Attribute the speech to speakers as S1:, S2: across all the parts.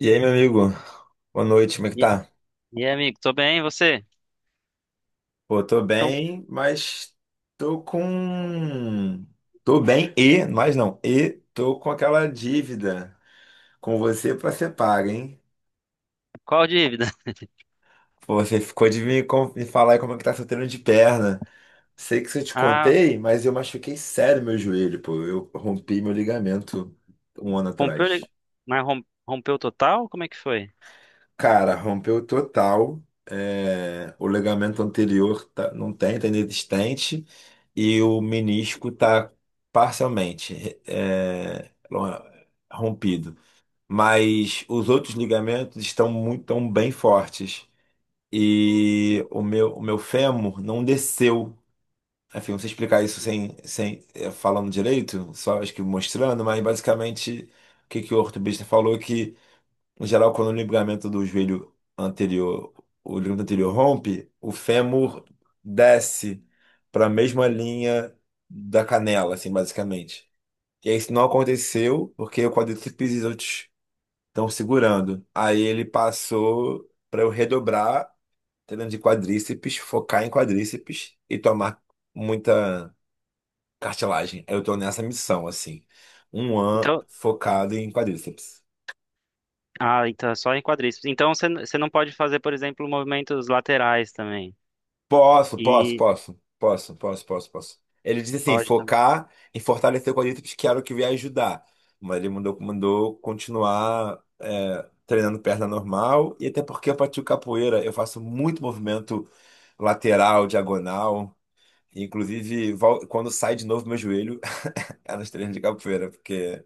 S1: E aí, meu amigo? Boa noite, como é que
S2: E,
S1: tá?
S2: e aí, amigo, tô bem, e você?
S1: Pô, tô
S2: Então,
S1: bem, mas tô com. Tô bem e, mas não, e tô com aquela dívida com você pra ser paga, hein?
S2: qual dívida?
S1: Pô, você ficou de me falar aí como é que tá seu treino de perna. Sei que se eu te
S2: Ah,
S1: contei, mas eu machuquei sério meu joelho, pô. Eu rompi meu ligamento um ano
S2: rompeu,
S1: atrás.
S2: mas rom- rompeu total? Como é que foi?
S1: Cara, rompeu total. É, o ligamento anterior não tem, tá inexistente. E o menisco tá parcialmente é, rompido. Mas os outros ligamentos tão bem fortes. E o meu fêmur não desceu. Enfim, não sei explicar isso sem falando direito, só acho que mostrando, mas basicamente o que o ortopedista falou é que. Em geral, quando o ligamento do joelho anterior, o ligamento anterior rompe, o fêmur desce para a mesma linha da canela, assim, basicamente. E aí isso não aconteceu porque o quadríceps e os outros estão segurando. Aí ele passou para eu redobrar, treino de quadríceps, focar em quadríceps e tomar muita cartilagem. Eu tô nessa missão, assim. Um ano
S2: Então,
S1: focado em quadríceps.
S2: então é só em quadríceps. Então você não pode fazer, por exemplo, movimentos laterais também.
S1: Posso, posso,
S2: E
S1: posso, posso, posso, posso, posso. Ele disse assim,
S2: pode também.
S1: focar em fortalecer quadríceps, que era o que eu ia ajudar. Mas ele mandou continuar treinando perna normal, e até porque eu pratico capoeira, eu faço muito movimento lateral, diagonal. Inclusive, quando sai de novo meu joelho, é nos treinos de capoeira, porque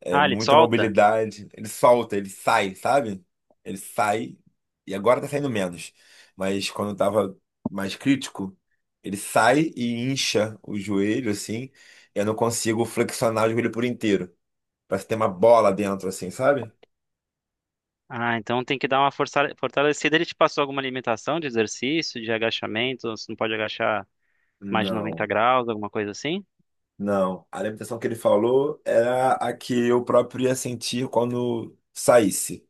S1: é
S2: Ah, ele
S1: muita
S2: solta?
S1: mobilidade. Ele solta, ele sai, sabe? Ele sai, e agora tá saindo menos. Mas quando tava mais crítico, ele sai e incha o joelho, assim. Eu não consigo flexionar o joelho por inteiro. Parece ter uma bola dentro, assim, sabe?
S2: Ah, então tem que dar uma fortalecida. Ele te passou alguma limitação de exercício, de agachamento? Você não pode agachar mais de 90
S1: Não,
S2: graus, alguma coisa assim?
S1: não. A alimentação que ele falou era a que eu próprio ia sentir quando saísse.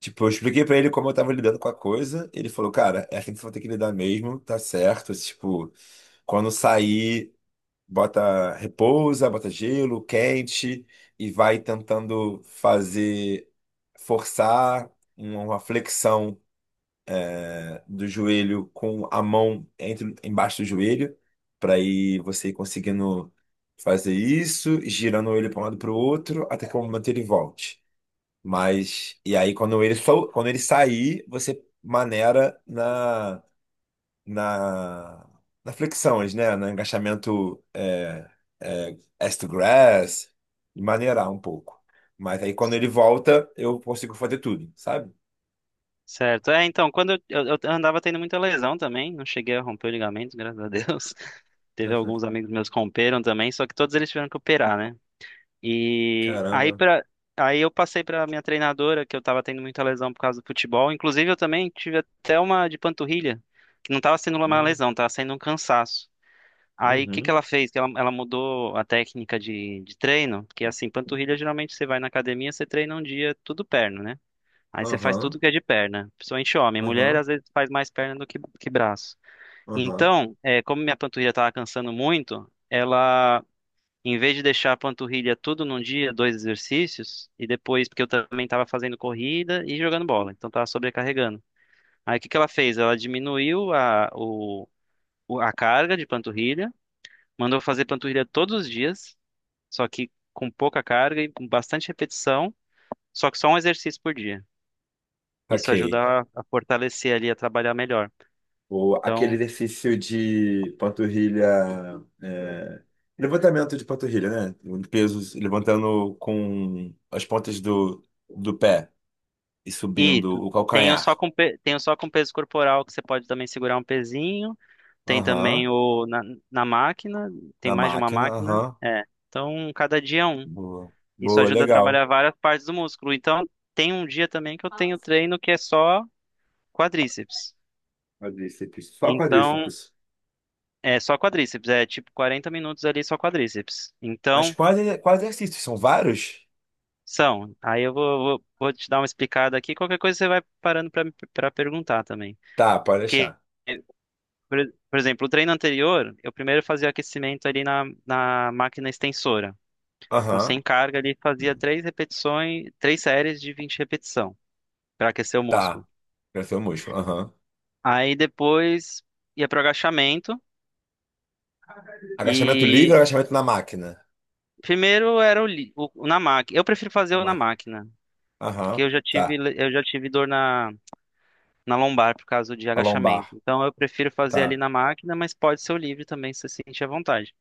S1: Tipo, eu expliquei pra ele como eu tava lidando com a coisa. Ele falou, cara, é assim que você vai ter que lidar mesmo, tá certo. Tipo, quando sair, bota repousa, bota gelo, quente, e vai tentando fazer, forçar uma flexão, né, do joelho com a mão entre, embaixo do joelho, pra ir você ir conseguindo fazer isso, girando ele pra um lado pro outro, até que o momento ele volte. Mas, e aí quando ele, quando ele sair, você maneira na, na flexões, né? No agachamento é ass to grass, e maneirar um pouco. Mas aí quando ele volta, eu consigo fazer tudo, sabe?
S2: Certo. É, então, quando eu andava tendo muita lesão também, não cheguei a romper o ligamento, graças a Deus. Teve alguns amigos meus que romperam também, só que todos eles tiveram que operar, né? E aí
S1: Caramba.
S2: para aí eu passei para minha treinadora que eu tava tendo muita lesão por causa do futebol. Inclusive eu também tive até uma de panturrilha, que não tava sendo uma
S1: Hum.
S2: lesão, tava sendo um cansaço. Aí o que que
S1: Uhum.
S2: ela fez? Ela mudou a técnica de treino, porque assim, panturrilha geralmente você vai na academia, você treina um dia tudo perna, né? Aí você faz tudo
S1: Aham,
S2: que é de perna, principalmente homem. Mulher
S1: aham,
S2: às vezes faz mais perna do que braço.
S1: aham.
S2: Então, é, como minha panturrilha estava cansando muito, ela, em vez de deixar a panturrilha tudo num dia, dois exercícios, e depois, porque eu também estava fazendo corrida e jogando bola, então estava sobrecarregando. Aí o que que ela fez? Ela diminuiu a carga de panturrilha, mandou fazer panturrilha todos os dias, só que com pouca carga e com bastante repetição, só que só um exercício por dia. Isso
S1: Ok.
S2: ajuda a fortalecer ali, a trabalhar melhor.
S1: Ou aquele
S2: Então,
S1: exercício de panturrilha, é, levantamento de panturrilha, né? Pesos levantando com as pontas do pé e
S2: e
S1: subindo
S2: tu-
S1: o
S2: tem o
S1: calcanhar.
S2: só tem o só com peso corporal, que você pode também segurar um pezinho. Tem também
S1: Aham,
S2: na máquina, tem
S1: na
S2: mais de uma
S1: máquina,
S2: máquina.
S1: aham.
S2: É. Então, cada dia é um.
S1: Boa,
S2: Isso
S1: boa,
S2: ajuda a
S1: legal.
S2: trabalhar várias partes do músculo. Então, tem um dia também que eu tenho treino que é só quadríceps.
S1: Quadríceps, só
S2: Então,
S1: quadríceps.
S2: é só quadríceps. É tipo 40 minutos ali só quadríceps.
S1: Mas
S2: Então,
S1: quais exercícios? São vários?
S2: são. Aí eu vou te dar uma explicada aqui. Qualquer coisa você vai parando para perguntar também.
S1: Tá, pode
S2: Porque,
S1: deixar.
S2: por, por exemplo, o treino anterior, eu primeiro fazia aquecimento ali na, na máquina extensora. Então,
S1: Aham,
S2: sem carga ali, fazia três repetições, três séries de 20 repetição para aquecer o
S1: tá.
S2: músculo.
S1: Crescer o músculo, aham.
S2: Aí depois ia para o agachamento
S1: Agachamento livre ou
S2: e
S1: agachamento na máquina?
S2: primeiro era o na máquina. Eu prefiro fazer
S1: Na
S2: o na
S1: máquina.
S2: máquina, porque
S1: Aham,
S2: eu já
S1: tá.
S2: tive dor na lombar por causa de
S1: A lombar.
S2: agachamento. Então eu prefiro fazer ali
S1: Tá,
S2: na máquina, mas pode ser o livre também, se você sentir à vontade.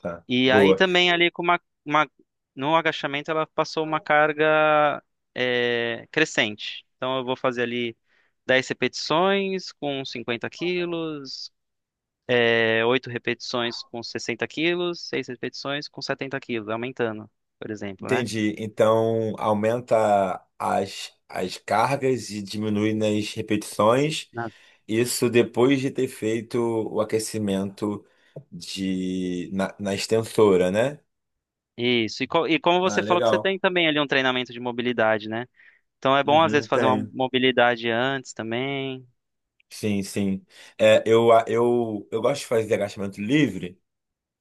S1: tá.
S2: E aí
S1: Boa.
S2: também ali com uma- no agachamento ela passou uma carga é, crescente. Então eu vou fazer ali 10 repetições com 50 quilos, é, 8 repetições com 60 quilos, 6 repetições com 70 quilos, aumentando, por exemplo, né?
S1: Entendi. Então, aumenta as cargas e diminui nas repetições.
S2: Na-
S1: Isso depois de ter feito o aquecimento na extensora, né?
S2: Isso. E como
S1: Ah,
S2: você falou que você
S1: legal.
S2: tem também ali um treinamento de mobilidade, né? Então é bom às vezes
S1: Uhum,
S2: fazer uma
S1: tem.
S2: mobilidade antes também.
S1: Sim, sim. É, eu gosto de fazer agachamento livre.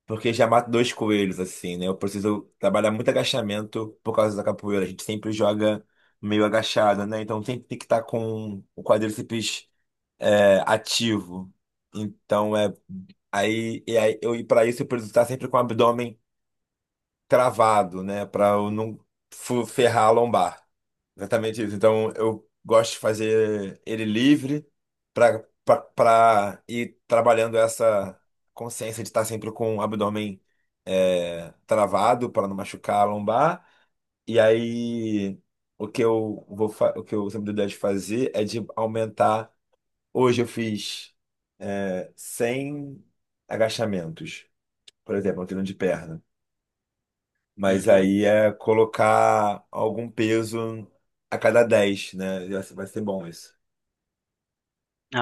S1: Porque já mato dois coelhos, assim, né? Eu preciso trabalhar muito agachamento por causa da capoeira. A gente sempre joga meio agachado, né? Então sempre tem que estar com o quadríceps ativo. Então é. Aí, e aí eu, e para isso eu preciso estar sempre com o abdômen cravado, né? Para eu não ferrar a lombar. Exatamente isso. Então, eu gosto de fazer ele livre para para ir trabalhando essa consciência de estar sempre com o abdômen travado para não machucar a lombar. E aí, o que eu vou o que eu sempre dou ideia de fazer é de aumentar. Hoje eu fiz 100 agachamentos, por exemplo, um treino de perna. Mas
S2: Uhum.
S1: aí é colocar algum peso a cada 10, né? Vai ser bom isso.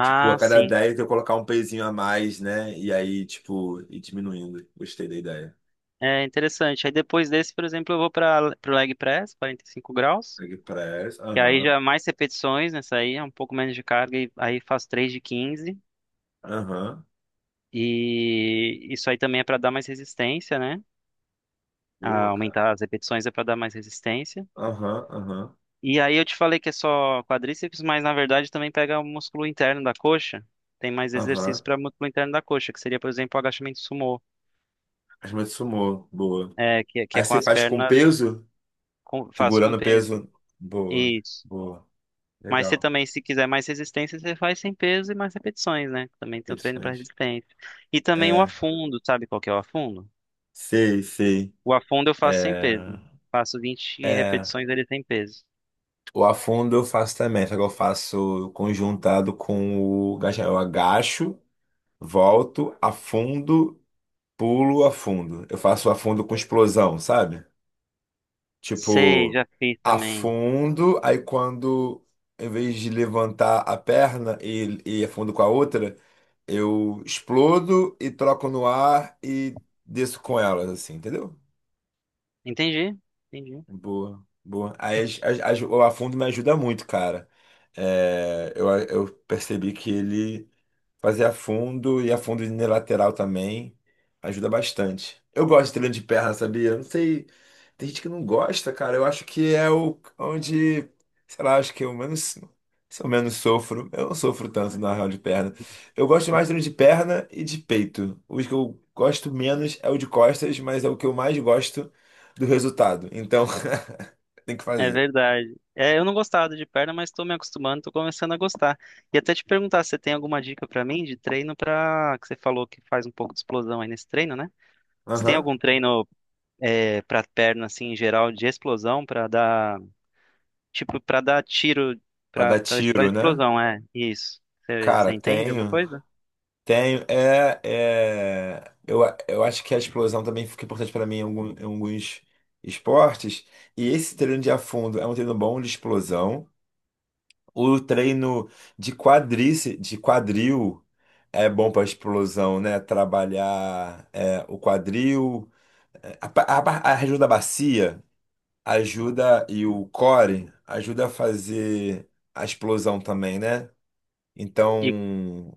S1: Tipo, a cada
S2: sim.
S1: 10 eu colocar um pezinho a mais, né? E aí, tipo, ir diminuindo. Gostei da ideia.
S2: É interessante. Aí depois desse, por exemplo, eu vou para o leg press, 45 graus,
S1: Leg press,
S2: que aí
S1: aham,
S2: já é mais repetições nessa aí, é um pouco menos de carga, e aí faço 3 de 15.
S1: aham.
S2: E isso aí também é para dar mais resistência, né? Ah,
S1: Boa, cara.
S2: aumentar as repetições é para dar mais resistência.
S1: Aham, aham,
S2: E aí eu te falei que é só quadríceps, mas na verdade também pega o músculo interno da coxa. Tem mais exercícios
S1: aham.
S2: para músculo interno da coxa, que seria, por exemplo, o agachamento sumô.
S1: As mãos de sumô, boa.
S2: É, que é
S1: Aí
S2: com
S1: você
S2: as
S1: faz com
S2: pernas,
S1: peso,
S2: faço com
S1: segurando o
S2: peso.
S1: peso. Boa,
S2: Isso.
S1: boa.
S2: Mas você
S1: Legal.
S2: também, se quiser mais resistência, você faz sem peso e mais repetições, né? Também tem o treino para
S1: Repetições.
S2: resistência. E também o
S1: É,
S2: afundo, sabe qual que é o afundo?
S1: sei, sei.
S2: O afundo eu faço sem
S1: É,
S2: peso. Faço 20
S1: é.
S2: repetições dele sem peso.
S1: O afundo eu faço também, só que eu faço conjuntado com o agachamento. Eu agacho, volto, afundo, pulo, afundo. Eu faço afundo com explosão, sabe?
S2: Sei,
S1: Tipo,
S2: já fiz também.
S1: afundo, aí quando, em vez de levantar a perna e afundo com a outra, eu explodo e troco no ar e desço com elas, assim, entendeu?
S2: Entendi, entendi.
S1: Boa, boa. Aí o afundo me ajuda muito, cara. É, eu percebi que ele fazer afundo e afundo unilateral também ajuda bastante. Eu gosto de treino de perna, sabia? Eu não sei, tem gente que não gosta, cara. Eu acho que é o onde, sei lá, acho que eu menos, se eu menos sofro. Eu não sofro tanto na real de perna. Eu gosto mais de treino de perna e de peito. Os que eu gosto menos é o de costas, mas é o que eu mais gosto do resultado. Então, tem que
S2: É
S1: fazer.
S2: verdade. É, eu não gostava de perna, mas estou me acostumando, estou começando a gostar. E até te perguntar se você tem alguma dica para mim de treino para que você falou que faz um pouco de explosão aí nesse treino, né? Você tem
S1: Aham.
S2: algum treino é, para perna assim em geral de explosão para dar tipo para dar tiro
S1: Pra dar
S2: para
S1: tiro, né?
S2: explosão é isso você
S1: Cara,
S2: entende alguma
S1: tenho.
S2: coisa
S1: Tenho. Eu, eu acho que a explosão também fica importante para mim em em alguns esportes. E esse treino de afundo é um treino bom de explosão. O treino de quadril é bom para explosão, né? Trabalhar o quadril. É, A, pa- a, ba- a região da bacia ajuda e o core ajuda a fazer a explosão também, né?
S2: e
S1: Então,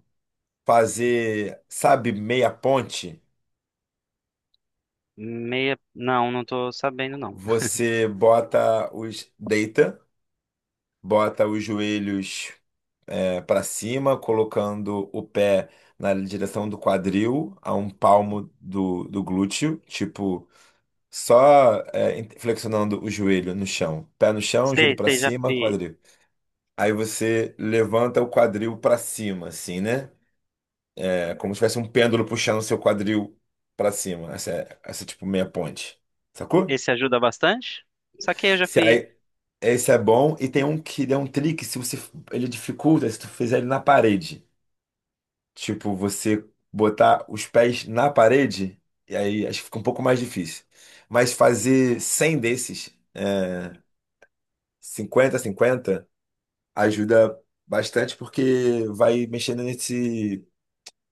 S1: fazer, sabe, meia ponte,
S2: meia não não tô sabendo não
S1: você deita, bota os joelhos para cima, colocando o pé na direção do quadril, a um palmo do glúteo, tipo, flexionando o joelho no chão. Pé no chão, joelho
S2: sei
S1: para
S2: sei já
S1: cima,
S2: fiz
S1: quadril. Aí você levanta o quadril para cima, assim, né? É como se tivesse um pêndulo puxando o seu quadril pra cima. Essa é tipo meia ponte. Sacou?
S2: esse ajuda bastante saquei eu já
S1: Se
S2: fiz
S1: aí, esse é bom e tem um que é um trick, se você ele dificulta se tu fizer ele na parede. Tipo, você botar os pés na parede e aí acho que fica um pouco mais difícil. Mas fazer 100 desses, é, 50 50 ajuda bastante porque vai mexendo nesse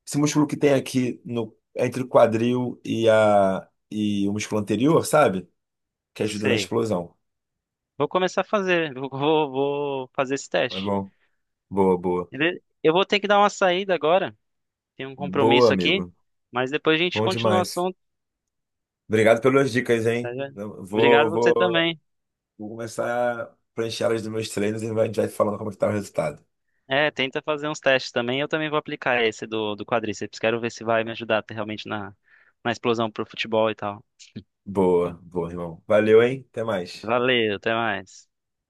S1: esse músculo que tem aqui no, entre o quadril e o músculo anterior, sabe? Que ajuda na
S2: sei
S1: explosão.
S2: vou começar a fazer vou fazer esse
S1: Tá
S2: teste.
S1: bom? Boa, boa.
S2: Beleza? Eu vou ter que dar uma saída agora, tem um
S1: Boa,
S2: compromisso aqui,
S1: amigo.
S2: mas depois a gente
S1: Bom
S2: continua o
S1: demais.
S2: assunto,
S1: Obrigado pelas dicas,
S2: tá?
S1: hein?
S2: Gente?
S1: Eu
S2: Obrigado você também.
S1: Vou começar a preencher elas dos meus treinos e a gente vai falando como é que tá o resultado.
S2: É, tenta fazer uns testes também. Eu também vou aplicar esse do quadríceps. Quero ver se vai me ajudar realmente na, na explosão pro futebol e tal.
S1: Boa, boa, irmão. Valeu, hein? Até mais.
S2: Valeu, até mais.